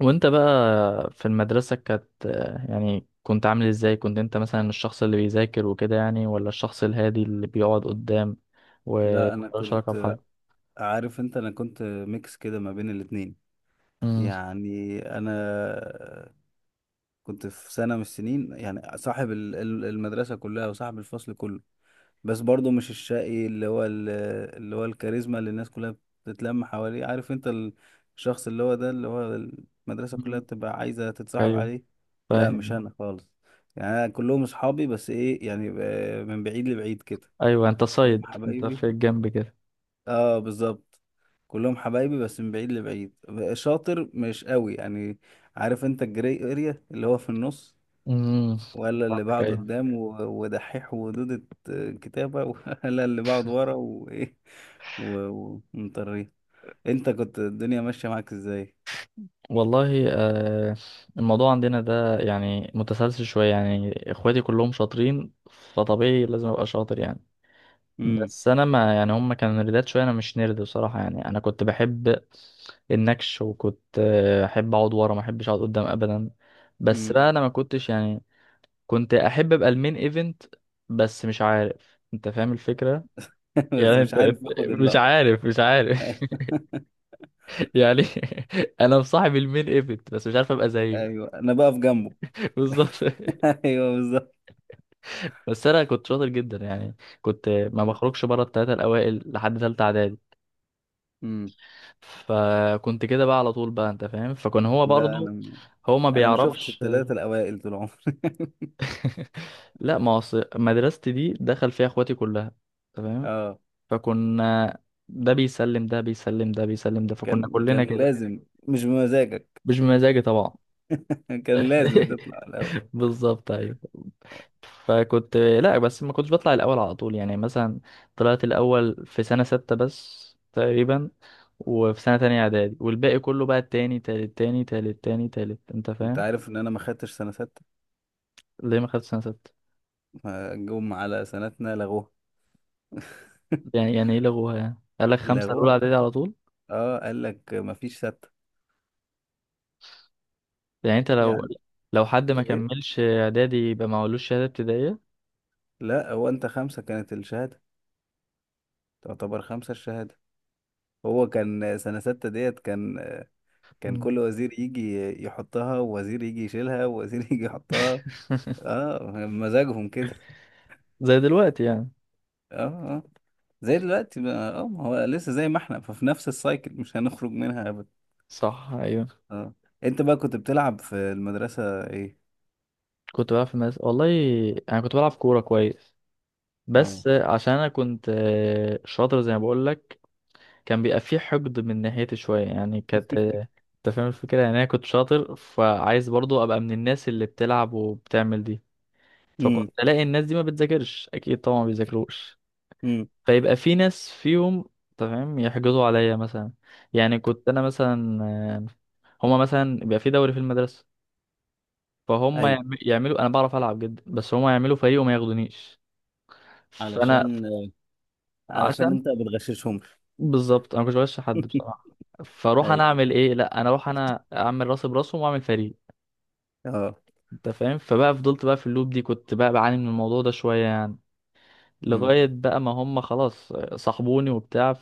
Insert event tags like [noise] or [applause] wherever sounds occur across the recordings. وانت بقى في المدرسة يعني كنت عامل ازاي؟ كنت انت مثلا الشخص اللي بيذاكر وكده يعني، ولا الشخص الهادي اللي بيقعد قدام لا، انا وملوش علاقة كنت بحد؟ عارف انت، انا كنت ميكس كده ما بين الاتنين. امم يعني انا كنت في سنة من السنين يعني صاحب المدرسة كلها وصاحب الفصل كله. بس برضو مش الشقي اللي هو اللي هو الكاريزما اللي الناس كلها بتتلم حواليه. عارف انت الشخص اللي هو ده اللي هو المدرسة كلها مم. بتبقى عايزة تتصاحب ايوه، عليه. لا، فاهم مش يعني. انا خالص. يعني أنا كلهم اصحابي، بس ايه يعني، من بعيد لبعيد كده. ايوه، انت كلهم صيد انت حبايبي. في الجنب كده. اه بالظبط، كلهم حبايبي بس من بعيد لبعيد. شاطر مش قوي يعني. عارف انت الجري اريا اللي هو في النص، امم ولا اللي فاهمك، بقعد ايوه. قدام ودحيح ودودة كتابة [laughs] ولا اللي بقعد ورا وايه ومطريه. انت كنت الدنيا ماشية معاك ازاي؟ والله الموضوع عندنا ده يعني متسلسل شوية، يعني اخواتي كلهم شاطرين، فطبيعي لازم ابقى شاطر يعني. امم. بس انا ما يعني هم كانوا نردات شويه، انا مش نرد بصراحه، يعني انا كنت بحب النكش، وكنت احب اقعد ورا، ما احبش اقعد قدام ابدا. بس امم. بقى انا ما كنتش يعني كنت احب ابقى المين ايفنت، بس مش عارف انت فاهم الفكره [laughs] بس يعني مش انت عارف [laughs] اخد مش اللقطة. عارف مش عارف [laughs] [laughs] يعني [laughs] انا مصاحب المين ايفنت بس مش عارف ابقى زيه. ايوه انا بقف جنبه. [laughs] بالظبط. [laughs] ايوه بالظبط. بس انا كنت شاطر جدا يعني، كنت ما امم. بخرجش بره الثلاثه الاوائل لحد ثالثه اعدادي. أمم. فكنت كده بقى على طول، بقى انت فاهم، فكان هو لا برضه انا، هو ما ما شفتش بيعرفش. الثلاثة الاوائل طول عمري. [laughs] [laughs] لا، ما أصل مدرستي دي دخل فيها اخواتي كلها، تمام. اه، فكنا ده بيسلم ده، فكنا كان كلنا كده. لازم. مش بمزاجك. مش بمزاجي طبعا. [laughs] كان لازم [laughs] تطلع الاول. بالظبط ايوه. فكنت لا بس ما كنتش بطلع الاول على طول، يعني مثلا طلعت الاول في سنه سته بس تقريبا، وفي سنه تانية اعدادي، والباقي كله بقى التاني تالت تاني تالت تاني تالت انت انت فاهم. عارف ان انا ما خدتش سنه سته؟ ليه ما خدتش سنة ستة؟ ما جم على سنتنا لغوها. [laughs] يعني يعني ايه لغوها؟ يعني قال لك خمسة لغوها الأولى كده. إعدادي على طول؟ اه قال لك ما فيش سته. يعني أنت لو يعني لو حد ما ايه؟ كملش إعدادي يبقى معهولوش شهادة ابتدائية؟ لا، هو انت خمسه كانت الشهاده، تعتبر خمسه الشهاده. هو كان سنه سته ديت، كان كان مم. كل وزير يجي يحطها ووزير يجي يشيلها ووزير [laughs] يجي يحطها. [laughs] اه مزاجهم كده. زي دلوقتي يعني. اه زي دلوقتي بقى، اه ما هو لسه زي ما احنا، ففي نفس السايكل مش هنخرج منها ابدا. صح، أيوة. اه. انت بقى كنت بتلعب في المدرسة ايه؟ كنت بلعب في مدرسة والله. أنا كنت بلعب كورة كويس، اه. بس عشان أنا كنت شاطر زي ما بقول لك، كان بيبقى فيه حقد من ناحيتي شوية، يعني كانت أنت فاهم الفكرة، يعني أنا كنت شاطر فعايز برضو أبقى من الناس اللي بتلعب وبتعمل دي. امم. فكنت ألاقي الناس دي ما بتذاكرش، أكيد طبعا ما بيذاكروش، امم. فيبقى في ناس فيهم تمام يحجزوا عليا مثلا. يعني كنت انا مثلا هما مثلا بيبقى في دوري في المدرسه، فهم ايوه. يعم- يعملوا انا بعرف العب جدا بس هما يعملوا فريق وما ياخدونيش. فانا علشان، علشان عشان، انت بتغششهم. بالظبط انا مش بغش حد [laughs] بصراحه. فاروح انا ايوه. اعمل ايه؟ لا، انا اروح انا اعمل راسي براسهم واعمل فريق. اه. انت فاهم، فبقى فضلت بقى في اللوب دي، كنت بقى بعاني من الموضوع ده شويه يعني، امم. لغايه بقى ما هم خلاص صاحبوني وبتاع.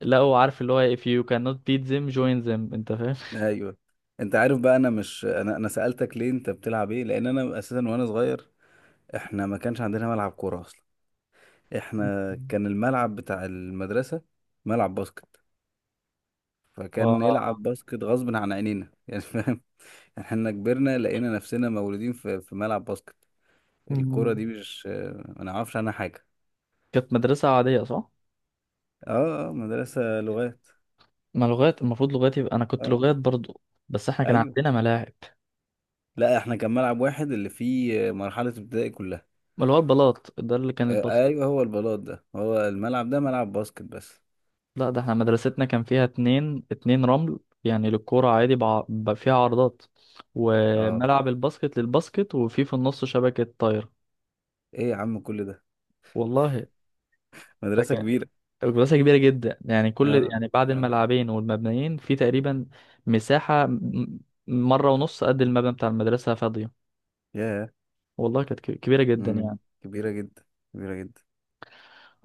لا هو عارف اللي هو if you cannot beat them join them، انت فاهم. ايوه. انت عارف بقى، انا مش، انا سألتك ليه انت بتلعب ايه لان انا اساسا وانا صغير احنا ما كانش عندنا ملعب كورة اصلا. احنا كان الملعب بتاع المدرسة ملعب باسكت. اه. فكان نلعب باسكت غصب عن عينينا يعني، فاهم. [laughs] احنا كبرنا لقينا نفسنا مولودين في ملعب باسكت. الكرة مم. دي مش، ما نعرفش عنها حاجة. كانت مدرسة عادية، صح؟ اه مدرسة لغات. ما لغات، المفروض لغات، يبقى أنا كنت اه لغات برضو. بس احنا كان ايوه. عندنا ملاعب. لا احنا كان ملعب واحد اللي فيه مرحلة ابتدائي كلها. ما اللي هو البلاط ده اللي كان آه الباسكت؟ ايوه، هو البلاط ده هو الملعب ده ملعب باسكت بس. لا ده احنا مدرستنا كان فيها اتنين، اتنين رمل يعني للكورة عادي فيها عرضات، اه وملعب الباسكت للباسكت، وفي في النص شبكة طايرة. ايه يا عم كل ده، والله مدرسة كبيرة. مساحة كبيرة جدا يعني، كل اه. يعني بعد اه. الملعبين والمبنيين في تقريبا مساحة مرة ونص قد المبنى بتاع المدرسة فاضية. ياه. والله كانت كبيرة جدا مم. يعني. كبيرة جدا، كبيرة جدا.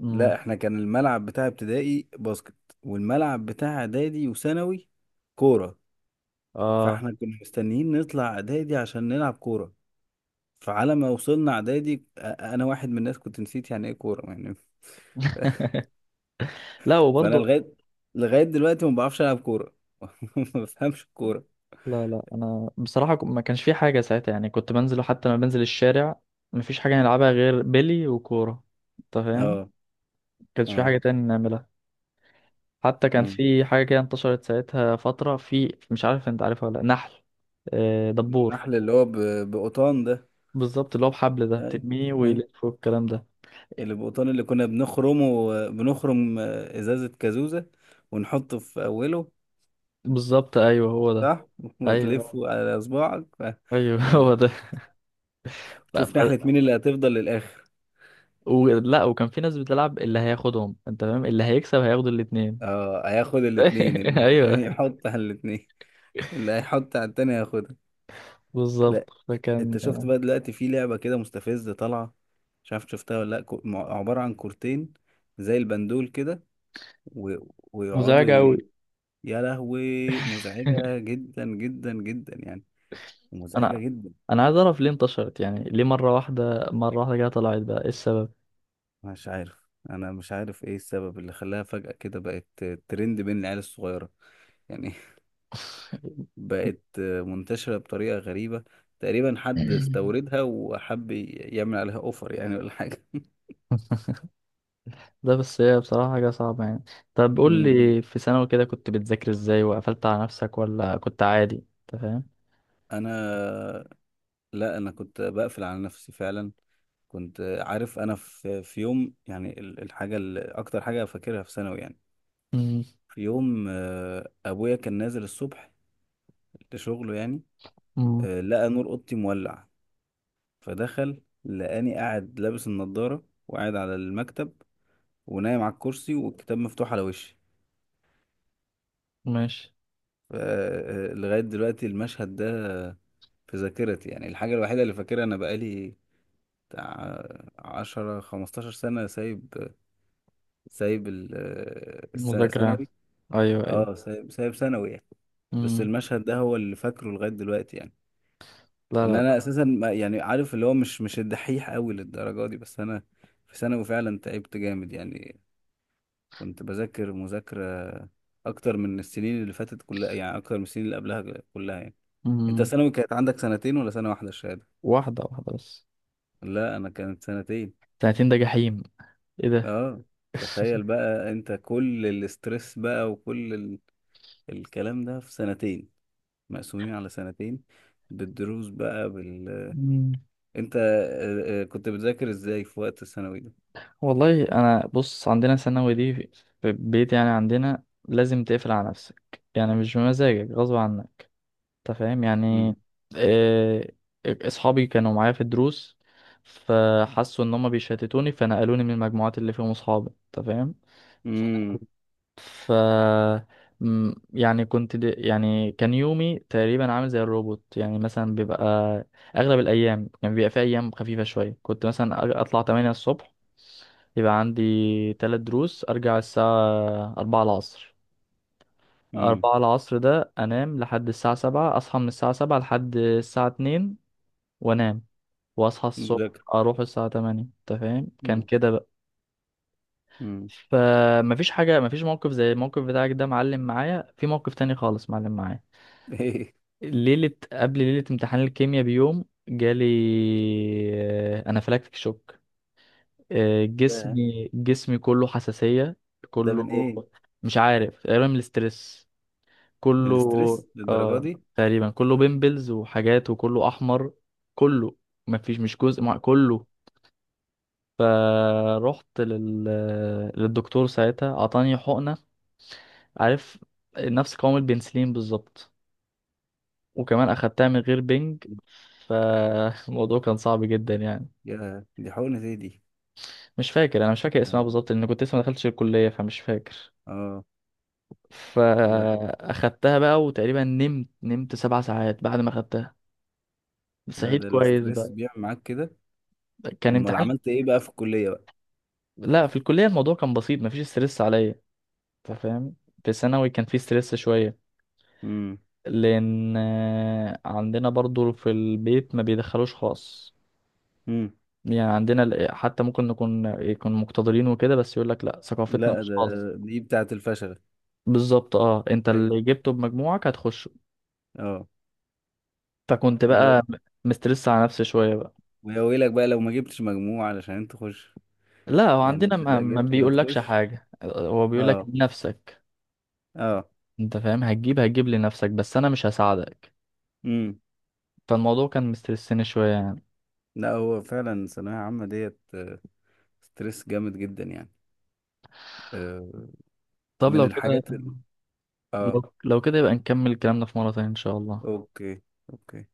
امم لا احنا كان الملعب بتاع ابتدائي باسكت، والملعب بتاع اعدادي وثانوي كورة. اه. فاحنا كنا مستنيين نطلع اعدادي عشان نلعب كورة. فعلى ما وصلنا اعدادي انا واحد من الناس كنت نسيت يعني ايه كورة يعني. لا [laughs] فانا وبرضه. لغاية دلوقتي ما بعرفش العب كورة. [laughs] ما بفهمش الكورة. لا لا انا بصراحة ما كانش في حاجة ساعتها يعني، كنت بنزل، حتى لما بنزل الشارع ما فيش حاجة نلعبها غير بيلي وكورة انت فاهم. اه. ما كانش في اه. حاجة تاني نعملها. حتى كان مم. في حاجة كده انتشرت ساعتها فترة، في مش عارف انت عارفها ولا لأ، نحل. دبور. النحل اللي هو بقطان ده. بالظبط، اللي هو بحبل ده اي. بترميه اي. ويلف والكلام ده. اللي بقطان اللي كنا بنخرمه، بنخرم ازازة كازوزة ونحطه في اوله. بالظبط ايوه هو ده. صح. وتلف ايوه على صباعك ايوه [laughs] هو ده. ف... وتشوف ف... نحلة مين اللي هتفضل للآخر. لا، وكان في ناس بتلعب اللي هياخدهم انت فاهم، اللي هيكسب هياخد الاتنين. اه هياخد [laughs] الاتنين، اللي ايوه هيحط على الاتنين، اللي هيحط على التاني هياخدها. لا، بالظبط. انت فكان شفت بقى دلوقتي في لعبة كده مستفزة طالعة؟ مش عارف شفتها ولا لا، عبارة عن كورتين زي البندول كده، و... ويقعدوا مزعج قوي. ي... يا لهوي مزعجة [laughs] جدا جدا جدا يعني. مزعجة انا جدا. انا عايز اعرف ليه انتشرت؟ يعني ليه مره واحده، مره واحده كده طلعت بقى؟ ايه السبب؟ مش عارف. انا مش عارف ايه السبب اللي خلاها فجأة كده بقت ترند بين العيال الصغيرة يعني. [laughs] بقت منتشرة بطريقة غريبة. تقريبا حد استوردها وحب يعمل عليها اوفر يعني ولا حاجة. [laughs] ده بس هي بصراحة حاجة صعبة يعني. طب [laughs] قول امم. لي، في ثانوي كده كنت بتذاكر ازاي؟ وقفلت على نفسك ولا كنت عادي؟ انت فاهم؟ انا، لا انا كنت بقفل على نفسي فعلا. كنت عارف انا في يوم، يعني الحاجة اللي اكتر حاجة فاكرها في ثانوي يعني، امم في يوم، ابويا كان نازل الصبح لشغله يعني، أمم، لقى نور اوضتي مولع. فدخل لقاني قاعد لابس النضارة وقاعد على المكتب ونايم على الكرسي والكتاب مفتوح على وشي. ماشي. لغاية دلوقتي المشهد ده في ذاكرتي، يعني الحاجة الوحيدة اللي فاكرها، أنا بقالي بتاع 10 15 سنة سايب، سايب مذاكرة يعني. ثانوي. ايوه ايوه. اه سايب، سايب ثانوي يعني. بس امم المشهد ده هو اللي فاكره لغاية دلوقتي يعني. لا لا ان انا لا. اساسا، يعني عارف اللي هو مش الدحيح قوي للدرجة دي، بس انا في ثانوي فعلا تعبت جامد يعني. كنت بذاكر مذاكرة أكتر من السنين اللي فاتت كلها يعني، أكتر من السنين اللي قبلها كلها يعني. أنت امم ثانوي كانت عندك سنتين ولا سنة واحدة الشهادة؟ واحدة واحدة بس. لا أنا كانت سنتين. سنتين ده جحيم! ايه ده! أه، تخيل [laughs] بقى أنت كل الاسترس بقى وكل الكلام ده في سنتين، مقسومين على سنتين بالدروس بقى بال. مم. أنت كنت بتذاكر إزاي في وقت الثانوي ده؟ والله انا بص، عندنا ثانوي دي في في البيت يعني عندنا لازم تقفل على نفسك، يعني مش بمزاجك، غصب عن انت فاهم يعني. امم. آه، اصحابي كانوا معايا في الدروس فحسوا ان هم بيشتتوني، فنقلوني من المجموعات اللي فيهم اصحابي انت فاهم. امم. ف يعني كنت يعني كان يومي تقريبا عامل زي الروبوت، يعني مثلا بيبقى اغلب الايام، يعني بيبقى في ايام خفيفه شويه، كنت مثلا اطلع 8 الصبح، يبقى عندي 3 دروس، ارجع الساعه 4 العصر، امم. 4 العصر ده انام لحد الساعه 7، اصحى من الساعه 7 لحد الساعه 2 وانام، واصحى الصبح مذاكرة. اروح الساعه 8، انت فاهم؟ كان امم. كده بقى. امم. فمفيش حاجه، مفيش موقف زي الموقف بتاعك ده، معلم معايا في موقف تاني خالص معلم معايا. [laughs] إيه ليله قبل ليله امتحان الكيمياء بيوم جالي انافلاكتيك شوك. ده؟ جسمي كله حساسيه، ده كله. من إيه؟ مش عارف، تقريبا من الاسترس. من كله. الاسترس للدرجة اه. دي. تقريبا كله بيمبلز وحاجات، وكله احمر، كله، مفيش، مش جزء، مع كله. فروحت لل... للدكتور ساعتها اعطاني حقنة، عارف، نفس قوام البنسلين بالظبط، وكمان اخدتها من غير بنج. فالموضوع [laughs] كان صعب جدا يعني. يا دي حقنة ايه دي. مش فاكر، انا مش فاكر اسمها ده- بالظبط، لان كنت لسه ما دخلتش الكلية فمش فاكر. اه. لا فاخدتها بقى، وتقريبا نمت، نمت 7 ساعات بعد ما اخدتها، لا، صحيت ده كويس الاسترس بقى. بيعمل معاك كده. كان امال امتحان. عملت ايه بقى في الكلية بقى؟ لا في الكلية الموضوع كان بسيط، مفيش ستريس عليا انت فاهم، في ثانوي كان في ستريس شوية، امم. لان عندنا برضو في البيت ما بيدخلوش خاص، امم. يعني عندنا حتى ممكن نكون يكون مقتدرين وكده، بس يقول لك لا، ثقافتنا لا مش ده، خاص. دي بتاعة الفشل. بالظبط، اه، انت ايوه. اللي جبته بمجموعك هتخش. اه. فكنت ولو. بقى مسترس على نفسي شويه بقى. ويا ويلك بقى لو ما جبتش مجموع علشان تخش. لا هو يعني عندنا انت ما، [laughs] لا ما جبت بيقولكش هتخش. حاجه، هو بيقولك اه. لنفسك اه. انت فاهم، هتجيب هتجيب لنفسك بس انا مش هساعدك. امم. فالموضوع كان مسترسني شويه يعني. لا هو فعلا ثانوية عامة ديت، ستريس جامد جدا يعني. آه، طب من لو كده، الحاجات اه. لو كده يبقى نكمل كلامنا في مره تانية ان شاء الله. اوكي. اوكي.